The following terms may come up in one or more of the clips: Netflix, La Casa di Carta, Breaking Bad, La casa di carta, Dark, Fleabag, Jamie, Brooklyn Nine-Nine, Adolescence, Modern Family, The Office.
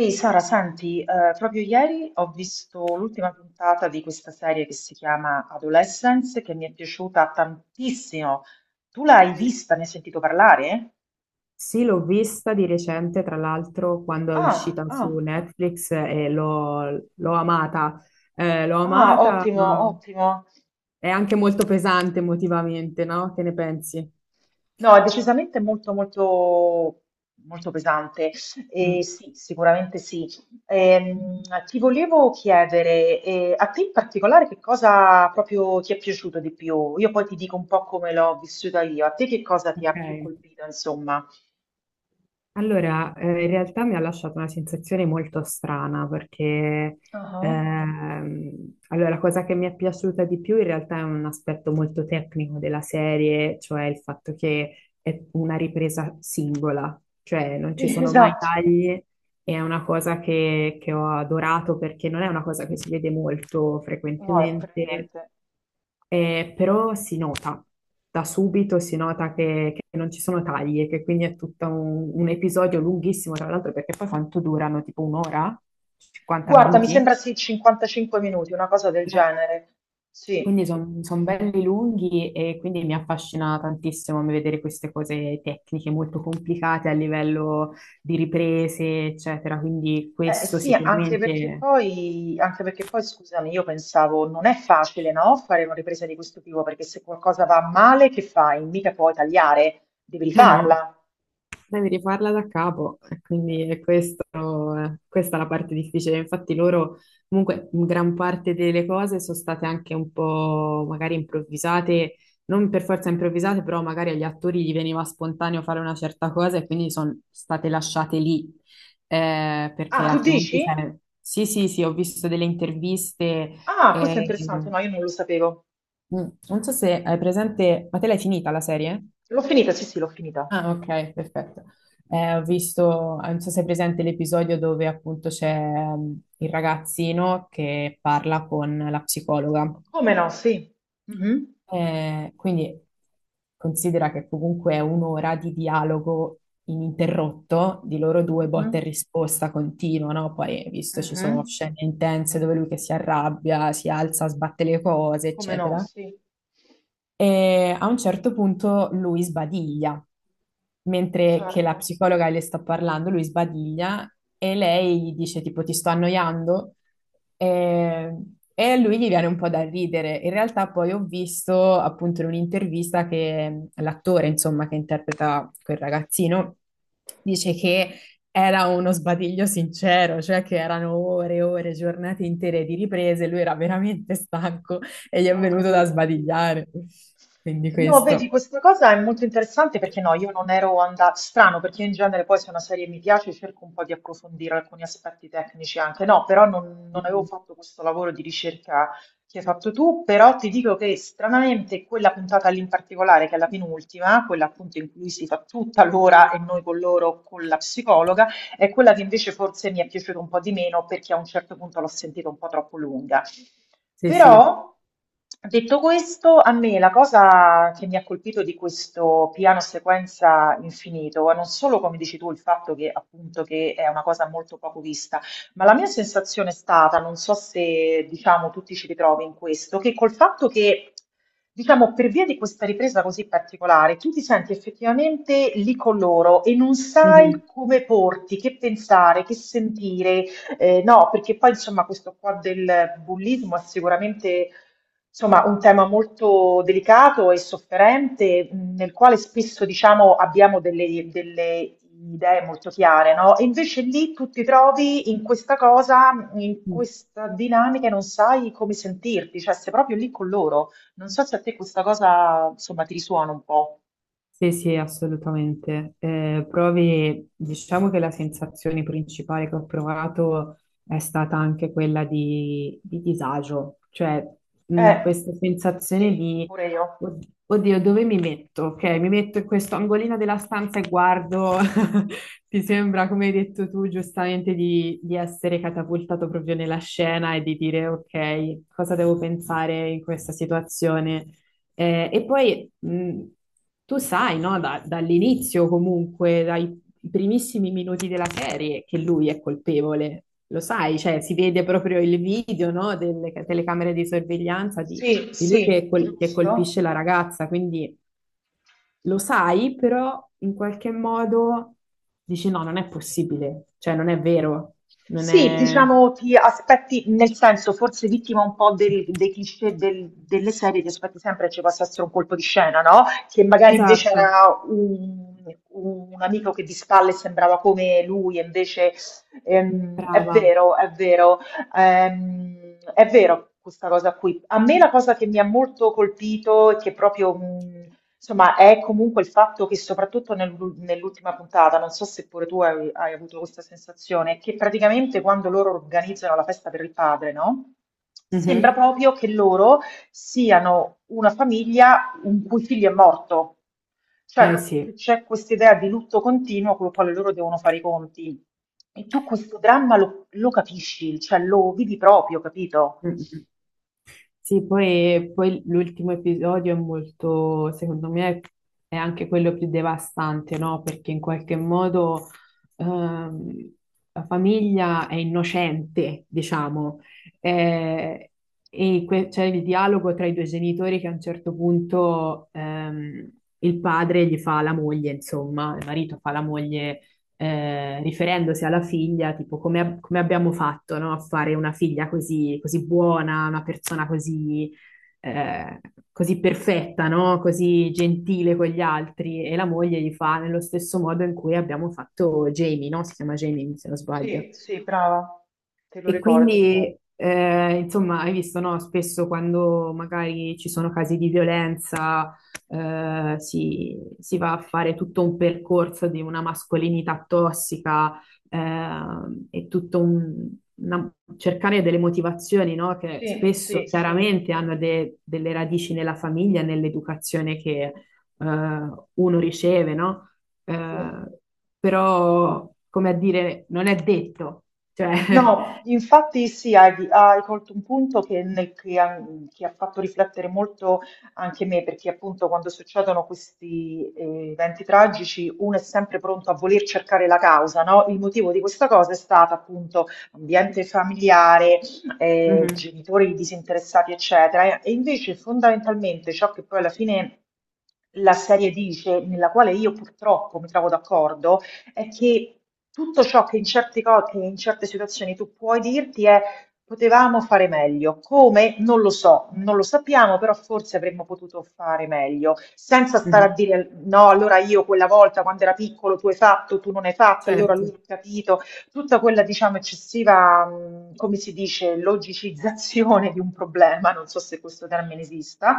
Ehi Sara, senti, proprio ieri ho visto l'ultima puntata di questa serie che si chiama Adolescence, che mi è piaciuta tantissimo. Tu l'hai vista, ne hai sentito parlare? Sì, l'ho vista di recente, tra l'altro, quando è Ah, uscita su ah, Netflix e l'ho amata. L'ho ah, amata, ottimo, ma ottimo. è anche molto pesante emotivamente, no? Che ne pensi? No, è decisamente molto, molto, molto pesante. E Mm, sì, sicuramente sì. Ehm, Ti volevo chiedere, a te in particolare che cosa proprio ti è piaciuto di più? Io poi ti dico un po' come l'ho vissuta io. A te che cosa ti ha più ok. colpito, insomma? Allora, in realtà mi ha lasciato una sensazione molto strana perché Ah, allora, la cosa che mi è piaciuta di più in realtà è un aspetto molto tecnico della serie, cioè il fatto che è una ripresa singola, cioè non ci sì, sono mai esatto. tagli e è una cosa che ho adorato perché non è una cosa che si vede molto No, per frequentemente niente. Però si nota, da subito si nota che non ci sono tagli e che quindi è tutto un episodio lunghissimo, tra l'altro, perché poi quanto durano? Tipo un'ora? 50 Guarda, mi minuti? sembra sì, 55 minuti, una cosa del Eh, genere. Sì. Quindi sono belli lunghi e quindi mi affascina tantissimo vedere queste cose tecniche molto complicate a livello di riprese, eccetera. Quindi questo Sì, sicuramente... anche perché poi, scusami, io pensavo non è facile, no, fare una ripresa di questo tipo, perché se qualcosa va male, che fai? Mica puoi tagliare, devi Eh no, rifarla. devi rifarla da capo, e quindi è questo, questa è la parte difficile. Infatti loro, comunque, in gran parte delle cose sono state anche un po' magari improvvisate, non per forza improvvisate, però magari agli attori gli veniva spontaneo fare una certa cosa e quindi sono state lasciate lì, Ah, perché tu altrimenti dici? sarebbe... Sì, sì, sì, ho visto delle interviste, Ah, questo è eh, interessante, no, io non lo sapevo. mm, non so se hai presente, ma te l'hai finita la serie? L'ho finita, sì, sì, l'ho finita. Ah, ok, perfetto. Ho visto, non so se è presente l'episodio dove appunto c'è il ragazzino che parla con la psicologa. Come no, sì. Mhm, Quindi considera che comunque è un'ora di dialogo ininterrotto di loro 2, mhm, botta e risposta continua, no? Poi, visto ci sono mhm. scene intense dove lui che si arrabbia, si alza, sbatte le cose, Come no, eccetera. sì, E a un certo punto lui sbadiglia, mentre che la certo, psicologa le sta parlando, lui sbadiglia e lei gli dice tipo ti sto annoiando e, e a lui gli viene un po' da ridere. In realtà poi ho visto appunto in un'intervista che l'attore, insomma, che interpreta quel ragazzino, dice che era uno sbadiglio sincero, cioè che erano ore e ore, giornate intere di riprese, lui era veramente stanco e gli è ho venuto da capito. sbadigliare. Quindi No, vedi, questo. questa cosa è molto interessante perché no, io non ero andata, strano perché in genere poi se una serie mi piace cerco un po' di approfondire alcuni aspetti tecnici anche, no, però non avevo Mhm. fatto questo lavoro di ricerca che hai fatto tu, però ti dico che stranamente quella puntata lì in particolare, che è la penultima, quella appunto in cui si fa tutta l'ora e noi con loro, con la psicologa, è quella che invece forse mi è piaciuta un po' di meno perché a un certo punto l'ho sentita un po' troppo lunga. Sì, sì. Però, detto questo, a me la cosa che mi ha colpito di questo piano sequenza infinito è non solo, come dici tu, il fatto che appunto che è una cosa molto poco vista, ma la mia sensazione è stata, non so se diciamo tu ti ci ritrovi in questo, che col fatto che diciamo per via di questa ripresa così particolare, tu ti senti effettivamente lì con loro e non sai Mhm. come porti, che pensare, che sentire, no, perché poi insomma questo qua del bullismo è sicuramente insomma un tema molto delicato e sofferente, nel quale spesso, diciamo, abbiamo delle idee molto chiare, no? E invece lì tu ti trovi in questa cosa, in questa dinamica e non sai come sentirti, cioè sei proprio lì con loro. Non so se a te questa cosa, insomma, ti risuona un po'. Sì, sì, assolutamente. Provi, diciamo che la sensazione principale che ho provato è stata anche quella di disagio, cioè Eh, questa sensazione sì, pure io. Oddio, dove mi metto? Ok, mi metto in questo angolino della stanza e guardo, ti sembra, come hai detto tu, giustamente, di essere catapultato proprio nella scena e di dire, ok, cosa devo pensare in questa situazione? E poi tu sai, no, dall'inizio comunque, dai primissimi minuti della serie, che lui è colpevole, lo sai, cioè si vede proprio il video, no, delle telecamere di sorveglianza Sì, di lui sì, che, che giusto. colpisce la ragazza, quindi lo sai, però in qualche modo dici no, non è possibile, cioè non è vero, non Sì, è... diciamo ti aspetti, nel senso forse vittima un po' del- dei cliché del- delle serie, ti aspetti sempre che ci possa essere un colpo di scena, no? Che magari invece Esatto, era un amico che di spalle sembrava come lui, e invece è brava. vero, è vero, ehm, è vero questa cosa qui. A me la cosa che mi ha molto colpito e che proprio insomma, è comunque il fatto che soprattutto nell'ul- nell'ultima puntata, non so se pure tu hai, hai avuto questa sensazione, che praticamente quando loro organizzano la festa per il padre, no? Sembra Mhm. proprio che loro siano una famiglia in cui il figlio è morto. Eh Cioè, che sì. c'è questa idea di lutto continuo con il quale loro devono fare i conti. E tu questo dramma lo, lo capisci, cioè lo vivi proprio, capito? Mm. Sì, poi, poi l'ultimo episodio è molto, secondo me, è anche quello più devastante, no? Perché in qualche modo ehm, la famiglia è innocente, diciamo, eh, e c'è il dialogo tra i due genitori che a un certo punto il padre gli fa la moglie, insomma, il marito fa la moglie riferendosi alla figlia, tipo come, come abbiamo fatto, no, a fare una figlia così, così buona, una persona così, eh, così perfetta, no, così gentile con gli altri. E la moglie gli fa nello stesso modo in cui abbiamo fatto Jamie, no? Si chiama Jamie, se non sbaglio. Sì, sì, brava, te lo E ricordi. quindi, insomma, hai visto, no? Spesso quando magari ci sono casi di violenza, si va a fare tutto un percorso di una mascolinità tossica, eh, e tutto un una- cercare delle motivazioni, no? Che Sì, spesso sì, sì. chiaramente hanno delle radici nella famiglia, e nell'educazione che, eh, uno riceve, no? Sì. Eh, però, come a dire, non è detto. Cioè, No, infatti sì, hai, hai colto un punto che, nel- che ha fatto riflettere molto anche me, perché appunto quando succedono questi eventi tragici uno è sempre pronto a voler cercare la causa, no? Il motivo di questa cosa è stato appunto ambiente familiare, Mhm, genitori disinteressati, eccetera, e invece fondamentalmente ciò che poi alla fine... la serie dice, nella quale io purtroppo mi trovo d'accordo, è che tutto ciò che in certi co- che in certe situazioni tu puoi dirti è potevamo fare meglio. Come? Non lo so, non lo sappiamo, però forse avremmo potuto fare meglio, senza stare a mhm. dire no, allora io quella volta quando era piccolo tu hai fatto, tu non hai fatto, allora lui Certo, ha capito tutta quella, diciamo, eccessiva, come si dice, logicizzazione di un problema, non so se questo termine esista,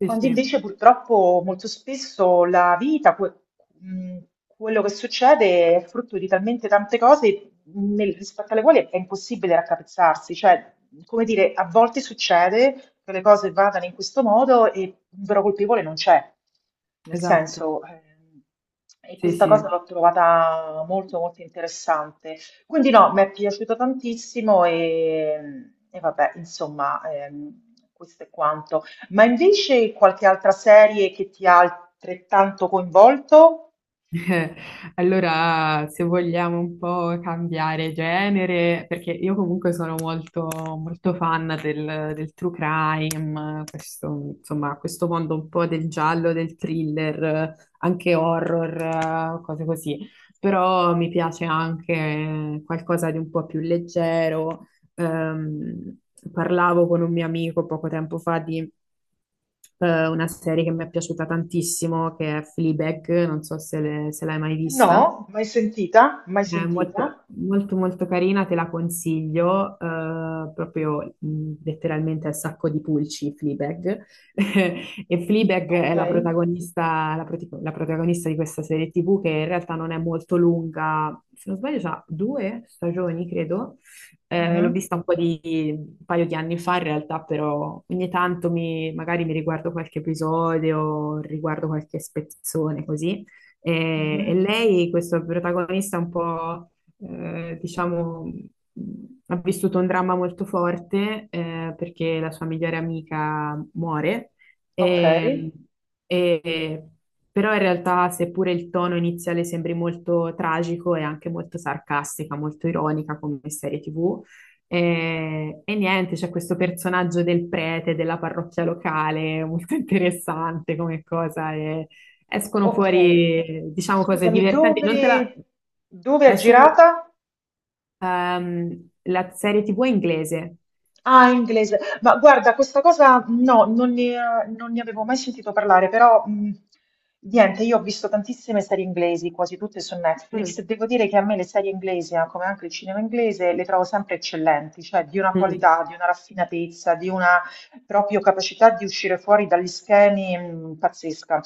sì, sì, invece purtroppo molto spesso la vita, que- mh, quello che succede è frutto di talmente tante cose nel- rispetto alle quali è impossibile raccapezzarsi, cioè come dire, a volte succede che le cose vadano in questo modo e un vero colpevole non c'è. Nel esatto, senso, e sì, questa sì. cosa l'ho trovata molto molto interessante. Quindi no, mi è piaciuto tantissimo e vabbè, insomma, questo è quanto. Ma invece qualche altra serie che ti ha altrettanto coinvolto? Allora, se vogliamo un po' cambiare genere, perché io comunque sono molto fan del true crime, questo, insomma, questo mondo un po' del giallo, del thriller, anche horror, cose così. Però mi piace anche qualcosa di un po' più leggero. Ehm, parlavo con un mio amico poco tempo fa di una serie che mi è piaciuta tantissimo, che è Fleabag, non so se, se l'hai mai No? vista. Mai sentita? Mai È sentita? molto, molto molto carina, te la consiglio, proprio letteralmente al sacco di pulci, Fleabag. E Fleabag Ok. è la protagonista, la protagonista di questa serie TV che in realtà non è molto lunga, se non sbaglio ha 2 stagioni, credo. L'ho Mhm. vista un po' di, un paio di anni fa in realtà, però ogni tanto magari mi riguardo qualche episodio, riguardo qualche spezzone così. E Mhm. lei, questo protagonista un po', diciamo, mh, ha vissuto un dramma molto forte, perché la sua migliore amica muore. Ok. E, e- però in realtà, seppure il tono iniziale sembri molto tragico, è anche molto sarcastica, molto ironica come serie TV. E niente, c'è questo personaggio del prete della parrocchia locale, molto interessante come cosa, e escono Ok, fuori, diciamo, cose scusami, divertenti. Non te la... dove è È su girata? La serie TV inglese. Ah, in inglese. Ma guarda, questa cosa no, non ne avevo mai sentito parlare, però niente, io ho visto tantissime serie inglesi, quasi tutte su Netflix. Mm. Devo dire che a me le serie inglesi, come anche il cinema inglese, le trovo sempre eccellenti, cioè di una Mm, qualità, di una raffinatezza, di una proprio capacità di uscire fuori dagli schemi, pazzesca.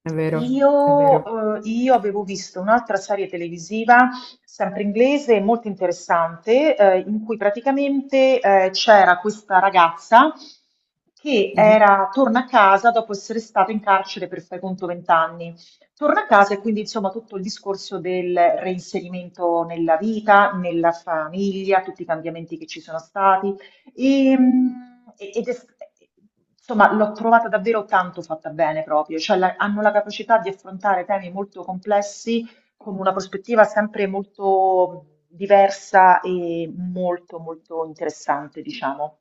è vero, è vero. Io avevo visto un'altra serie televisiva, sempre inglese, molto interessante, in cui praticamente c'era questa ragazza che Mhm. era, torna a casa dopo essere stata in carcere per fai conto 20 anni. Torna a casa e quindi insomma tutto il discorso del reinserimento nella vita, nella famiglia, tutti i cambiamenti che ci sono stati. Ehm, E, ed è- insomma, l'ho trovata davvero tanto fatta bene proprio, cioè la- hanno la capacità di affrontare temi molto complessi con una prospettiva sempre molto diversa e molto molto interessante, diciamo.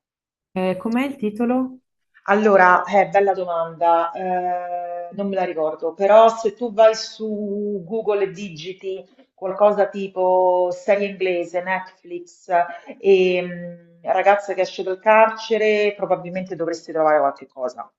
Com'è il titolo? Allora, bella domanda, non me la ricordo, però se tu vai su Google e digiti qualcosa tipo serie inglese, Netflix e mm, ragazza che esce dal carcere, probabilmente dovresti trovare qualche cosa.